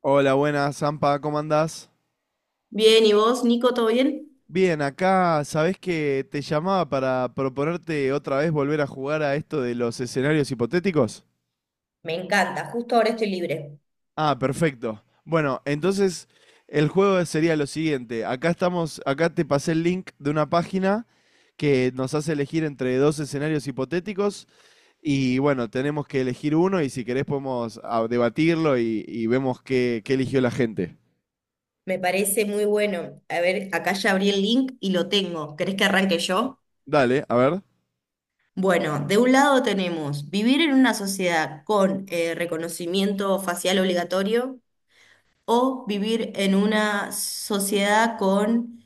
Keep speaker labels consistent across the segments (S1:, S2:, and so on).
S1: Hola, buenas, Zampa, ¿cómo andás?
S2: Bien, ¿y vos, Nico, todo bien?
S1: Bien, acá sabés que te llamaba para proponerte otra vez volver a jugar a esto de los escenarios hipotéticos.
S2: Me encanta, justo ahora estoy libre.
S1: Ah, perfecto. Bueno, entonces el juego sería lo siguiente. Acá estamos, acá te pasé el link de una página que nos hace elegir entre dos escenarios hipotéticos y bueno, tenemos que elegir uno y si querés podemos debatirlo y vemos qué eligió la gente.
S2: Me parece muy bueno. A ver, acá ya abrí el link y lo tengo. ¿Querés que arranque yo?
S1: Dale, a ver.
S2: Bueno, de un lado tenemos vivir en una sociedad con reconocimiento facial obligatorio o vivir en una sociedad con,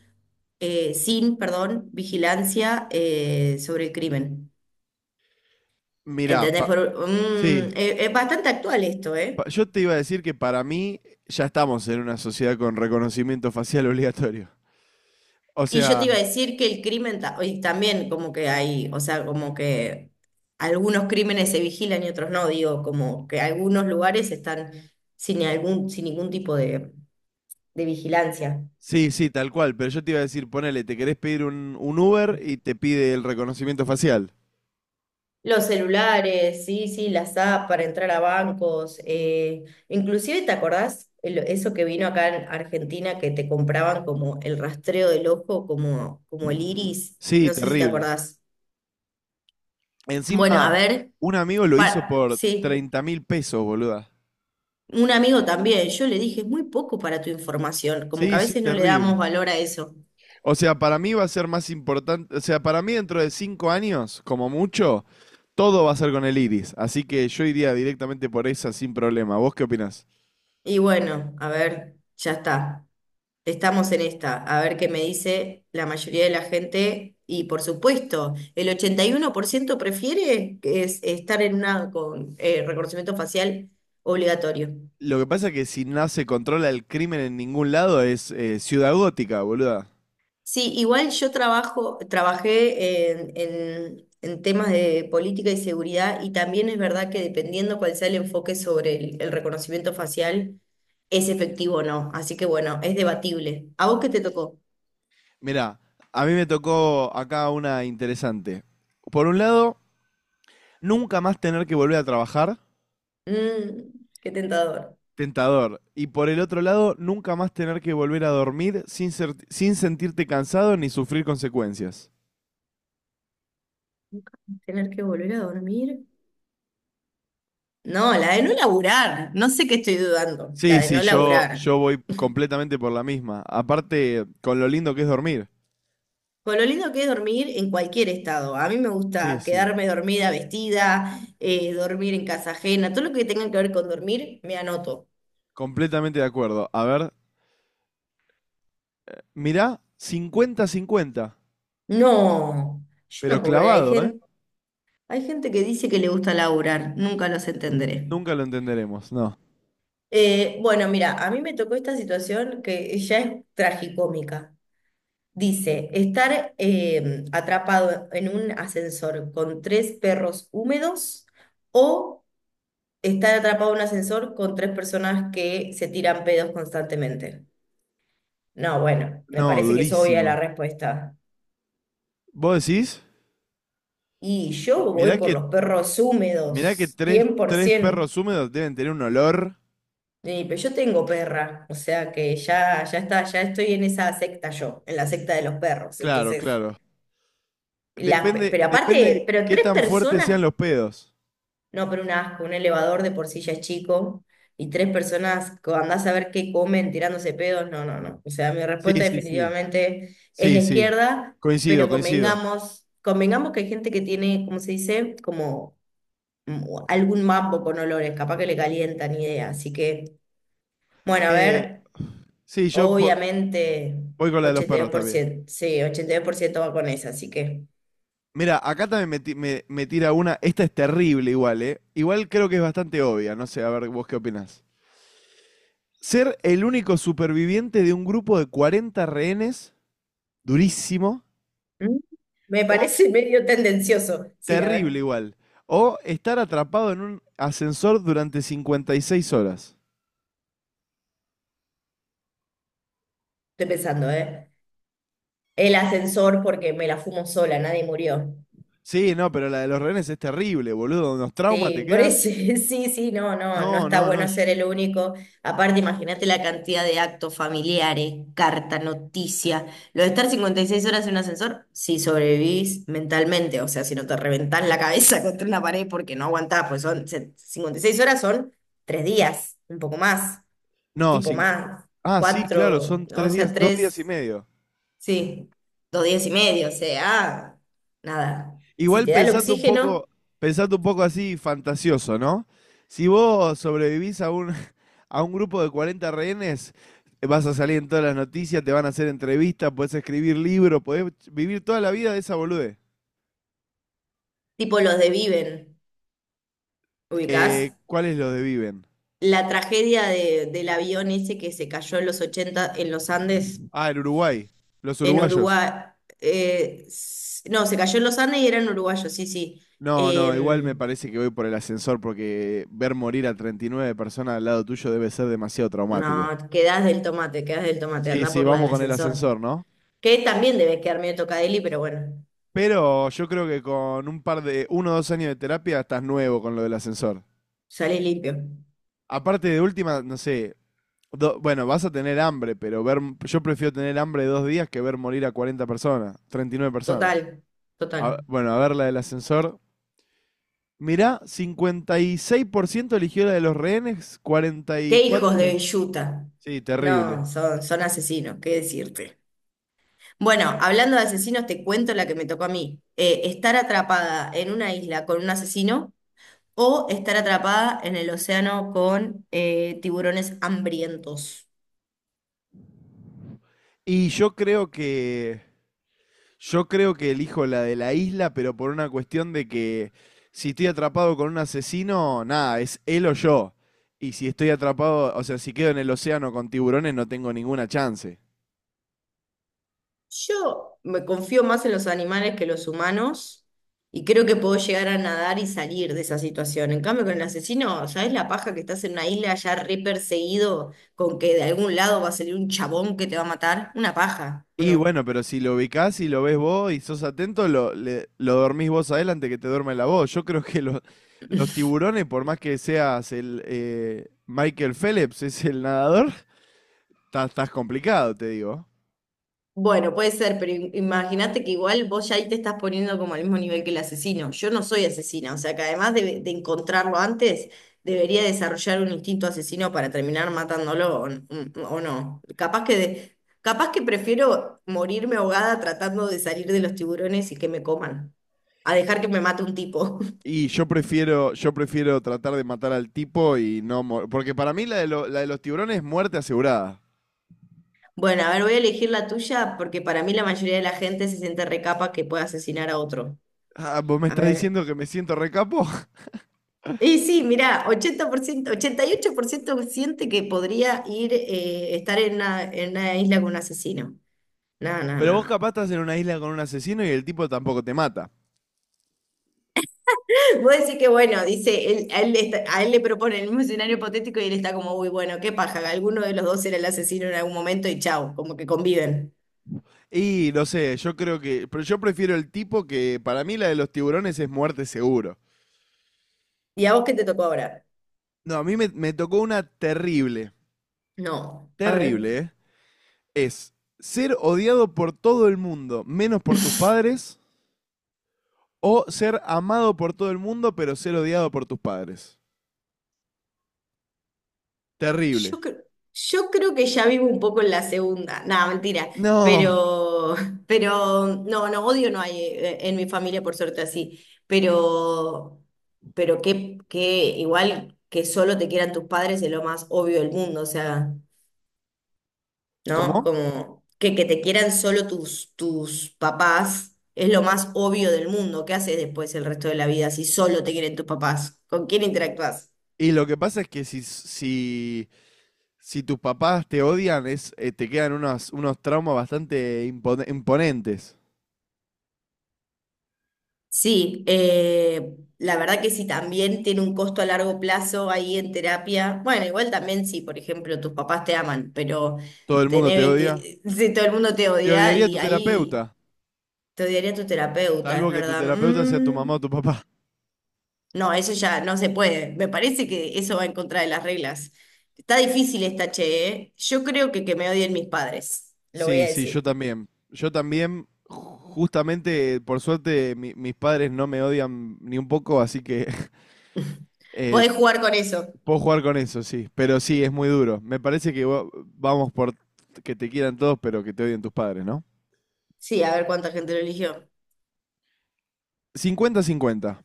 S2: sin, perdón, vigilancia sobre el crimen.
S1: Mira,
S2: ¿Entendés?
S1: sí.
S2: Es bastante actual esto, ¿eh?
S1: Yo te iba a decir que para mí ya estamos en una sociedad con reconocimiento facial obligatorio. O
S2: Y yo te
S1: sea,
S2: iba a decir que el crimen, y también como que hay, o sea, como que algunos crímenes se vigilan y otros no, digo, como que algunos lugares están sin ningún tipo de vigilancia.
S1: sí, sí, tal cual, pero yo te iba a decir, ponele, te querés pedir un Uber y te pide el reconocimiento facial.
S2: Los celulares, sí, sí, las apps para entrar a bancos, inclusive, ¿te acordás eso que vino acá en Argentina que te compraban como el rastreo del ojo, como, como el iris?
S1: Sí,
S2: No sé si te
S1: terrible.
S2: acordás. Bueno, a
S1: Encima,
S2: ver,
S1: un amigo lo hizo
S2: para,
S1: por
S2: sí.
S1: 30.000 pesos, boluda.
S2: Un amigo también, yo le dije, es muy poco para tu información, como que a
S1: Sí, sí,
S2: veces no le
S1: terrible.
S2: damos valor a eso.
S1: O sea, para mí va a ser más importante, o sea, para mí dentro de 5 años, como mucho, todo va a ser con el iris. Así que yo iría directamente por esa sin problema. ¿Vos qué opinás?
S2: Y bueno, a ver, ya está. Estamos en esta, a ver qué me dice la mayoría de la gente. Y por supuesto, el 81% prefiere que es estar en una con reconocimiento facial obligatorio.
S1: Lo que pasa es que si no se controla el crimen en ningún lado es ciudad gótica, boluda.
S2: Sí, igual yo trabajo, trabajé en temas de política y seguridad y también es verdad que dependiendo cuál sea el enfoque sobre el reconocimiento facial, es efectivo o no. Así que bueno, es debatible. ¿A vos qué te tocó?
S1: Mirá, a mí me tocó acá una interesante. Por un lado, nunca más tener que volver a trabajar,
S2: Mm, qué tentador.
S1: tentador. Y por el otro lado, nunca más tener que volver a dormir sin sentirte cansado ni sufrir consecuencias.
S2: ¿Tener que volver a dormir? No, la de no laburar. No sé qué estoy dudando. La
S1: Sí,
S2: de
S1: sí,
S2: no
S1: yo
S2: laburar.
S1: voy completamente por la misma. Aparte, con lo lindo que es dormir.
S2: Con lo lindo que es dormir en cualquier estado. A mí me
S1: Sí,
S2: gusta
S1: sí.
S2: quedarme dormida, vestida, dormir en casa ajena, todo lo que tenga que ver con dormir, me anoto.
S1: Completamente de acuerdo. A ver, mirá, 50-50.
S2: No, yo
S1: Pero
S2: no puedo creer. Hay
S1: clavado, ¿eh?
S2: gente, hay gente que dice que le gusta laburar, nunca los entenderé.
S1: Nunca lo entenderemos, no.
S2: Bueno, mira, a mí me tocó esta situación que ya es tragicómica. Dice, estar atrapado en un ascensor con tres perros húmedos o estar atrapado en un ascensor con tres personas que se tiran pedos constantemente. No, bueno, me
S1: No,
S2: parece que es obvia la
S1: durísimo.
S2: respuesta.
S1: ¿Vos decís?
S2: Y yo voy
S1: Mirá
S2: por
S1: que,
S2: los perros
S1: mirá que
S2: húmedos,
S1: tres
S2: 100%.
S1: perros húmedos deben tener un olor.
S2: Y, pero yo tengo perra, o sea que ya, ya está, ya estoy en esa secta yo, en la secta de los perros.
S1: Claro,
S2: Entonces,
S1: claro. Depende,
S2: pero
S1: depende
S2: aparte, pero
S1: qué
S2: tres
S1: tan fuertes sean
S2: personas.
S1: los pedos.
S2: No, pero un asco, un elevador de por sí ya es chico y tres personas, andás a ver qué comen tirándose pedos, no, no, no. O sea, mi
S1: Sí,
S2: respuesta
S1: sí, sí.
S2: definitivamente es
S1: Sí,
S2: la
S1: sí.
S2: izquierda,
S1: Coincido,
S2: pero
S1: coincido.
S2: convengamos, convengamos que hay gente que tiene, ¿cómo se dice? Como mm, algún mambo con olores, capaz que le calientan idea. Así que, bueno, a
S1: Eh,
S2: ver,
S1: sí, yo
S2: obviamente
S1: voy con la de los
S2: ochenta y dos
S1: perros
S2: por
S1: también.
S2: ciento sí, 82% va con esa, así que
S1: Mira, acá también me tira una. Esta es terrible igual, ¿eh? Igual creo que es bastante obvia. No sé, a ver, vos qué opinás. Ser el único superviviente de un grupo de 40 rehenes, durísimo,
S2: mm, me
S1: o
S2: parece medio tendencioso. Sí, a
S1: terrible
S2: ver,
S1: igual. O estar atrapado en un ascensor durante 56 horas.
S2: estoy pensando, ¿eh? El ascensor porque me la fumo sola, nadie murió.
S1: Sí, no, pero la de los rehenes es terrible, boludo. Unos traumas te
S2: Sí, por
S1: quedan.
S2: eso, sí, sí, no, no, no
S1: No,
S2: está
S1: no, no.
S2: bueno ser el único. Aparte, imagínate la cantidad de actos familiares, carta, noticia. Lo de estar 56 horas en un ascensor, si sobrevivís mentalmente, o sea, si no te reventás la cabeza contra una pared porque no aguantás, pues son 56 horas son 3 días, un poco más,
S1: No,
S2: tipo más,
S1: ah, sí, claro,
S2: cuatro,
S1: son
S2: o
S1: 3 días,
S2: sea,
S1: dos
S2: tres.
S1: días y medio.
S2: Sí, 2 días y medio, o sea, nada. Si
S1: Igual
S2: te da el
S1: pensando un
S2: oxígeno,
S1: poco, pensando un poco así fantasioso, ¿no? Si vos sobrevivís a un grupo de 40 rehenes, vas a salir en todas las noticias, te van a hacer entrevistas, podés escribir libros, podés vivir toda la vida de esa bolude.
S2: tipo los de Viven, ¿ubicás?
S1: ¿Cuáles los de viven?
S2: La tragedia del avión ese que se cayó en los 80 en los Andes,
S1: Ah, el Uruguay, los
S2: en
S1: uruguayos.
S2: Uruguay. No, se cayó en los Andes y eran uruguayos, sí, sí.
S1: No, no, igual me
S2: Em,
S1: parece que voy por el ascensor porque ver morir a 39 personas al lado tuyo debe ser demasiado traumático.
S2: no, quedás del tomate,
S1: Sí,
S2: anda
S1: sí,
S2: por la
S1: vamos
S2: del
S1: con el
S2: ascensor.
S1: ascensor, ¿no?
S2: Que también debes quedar medio tocadeli, pero bueno,
S1: Pero yo creo que con un par de, 1 o 2 años de terapia estás nuevo con lo del ascensor.
S2: sale limpio.
S1: Aparte de última, no sé, bueno, vas a tener hambre, pero ver, yo prefiero tener hambre dos días que ver morir a 40 personas, 39 personas.
S2: Total, total.
S1: Bueno, a ver la del ascensor. Mirá, 56% eligió la de los rehenes,
S2: Qué hijos
S1: 44
S2: de
S1: la...
S2: Villuta.
S1: Sí, terrible.
S2: No, son asesinos, qué decirte. Bueno, hablando de asesinos, te cuento la que me tocó a mí. Estar atrapada en una isla con un asesino o estar atrapada en el océano con tiburones hambrientos.
S1: Y yo creo que... Yo creo que elijo la de la isla, pero por una cuestión de que si estoy atrapado con un asesino, nada, es él o yo. Y si estoy atrapado, o sea, si quedo en el océano con tiburones, no tengo ninguna chance.
S2: Yo me confío más en los animales que los humanos y creo que puedo llegar a nadar y salir de esa situación. En cambio, con el asesino, ¿sabes la paja que estás en una isla ya re perseguido con que de algún lado va a salir un chabón que te va a matar? Una paja, ¿o
S1: Y
S2: no?
S1: bueno, pero si lo ubicás y lo ves vos y sos atento, lo dormís vos a él antes que te duerme la voz. Yo creo que los tiburones, por más que seas el Michael Phelps, es el nadador, estás complicado, te digo.
S2: Bueno, puede ser, pero imagínate que igual vos ya ahí te estás poniendo como al mismo nivel que el asesino. Yo no soy asesina, o sea que además de encontrarlo antes, debería desarrollar un instinto asesino para terminar matándolo o, o no. Capaz que prefiero morirme ahogada tratando de salir de los tiburones y que me coman, a dejar que me mate un tipo.
S1: Y yo prefiero tratar de matar al tipo y no. Porque para mí la de los tiburones es muerte asegurada.
S2: Bueno, a ver, voy a elegir la tuya porque para mí la mayoría de la gente se siente recapa que pueda asesinar a otro.
S1: Ah, vos me
S2: A
S1: estás
S2: ver.
S1: diciendo que me siento recapo.
S2: Y sí, mirá, 88% siente que podría ir, estar en una, isla con un asesino. No, no,
S1: Pero
S2: no,
S1: vos
S2: no.
S1: capaz estás en una isla con un asesino y el tipo tampoco te mata.
S2: Vos decís que bueno, dice, él, a, él está- a él le propone el mismo escenario hipotético y él está como, uy, bueno, qué paja, alguno de los dos era el asesino en algún momento y chao como que conviven.
S1: Y no sé, yo creo que. Pero yo prefiero el tipo que. Para mí, la de los tiburones es muerte seguro.
S2: ¿Y a vos qué te tocó ahora?
S1: No, a mí me tocó una terrible.
S2: No, a ver.
S1: Terrible, ¿eh? Es ser odiado por todo el mundo, menos por tus padres. O ser amado por todo el mundo, pero ser odiado por tus padres. Terrible.
S2: Yo, cre- yo creo que ya vivo un poco en la segunda, nada, mentira,
S1: No.
S2: pero, pero no, no, odio no hay en mi familia, por suerte así, pero, pero que igual que solo te quieran tus padres es lo más obvio del mundo, o sea,
S1: ¿Cómo?
S2: ¿no? Como que te quieran solo tus papás es lo más obvio del mundo, ¿qué haces después el resto de la vida si solo te quieren tus papás? ¿Con quién interactúas?
S1: Y lo que pasa es que si tus papás te odian, te quedan unos traumas bastante imponentes.
S2: Sí, la verdad que si también tiene un costo a largo plazo ahí en terapia, bueno, igual también si, por ejemplo, tus papás te aman, pero
S1: Todo el mundo
S2: tenés
S1: te odia.
S2: 20, si todo el mundo te
S1: Te
S2: odia
S1: odiaría tu
S2: y ahí
S1: terapeuta,
S2: te odiaría tu terapeuta, es
S1: salvo que tu
S2: verdad.
S1: terapeuta sea tu
S2: Mm,
S1: mamá o tu papá.
S2: no, eso ya no se puede. Me parece que eso va en contra de las reglas. Está difícil esta, che, ¿eh? Yo creo que me odien mis padres, lo voy
S1: Sí,
S2: a
S1: sí, yo
S2: decir.
S1: también. Yo también, justamente, por suerte, mis padres no me odian ni un poco, así que eh,
S2: Podés jugar con eso.
S1: puedo jugar con eso, sí. Pero sí, es muy duro. Me parece que vamos por que te quieran todos, pero que te odien tus padres, no.
S2: Sí, a ver cuánta gente lo eligió.
S1: 50, 50-50.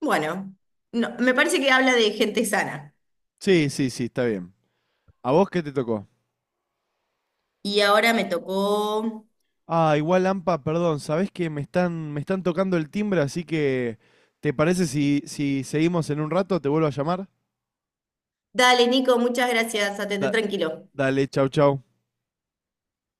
S2: Bueno, no, me parece que habla de gente sana.
S1: Sí, sí, sí, está bien. ¿A vos qué te tocó?
S2: Y ahora me tocó.
S1: Ah, igual Ampa, perdón, sabés que me están tocando el timbre, así que ¿te parece si seguimos en un rato? ¿Te vuelvo a llamar?
S2: Dale, Nico, muchas gracias. Atendé
S1: Da-
S2: tranquilo.
S1: Dale, chau, chau.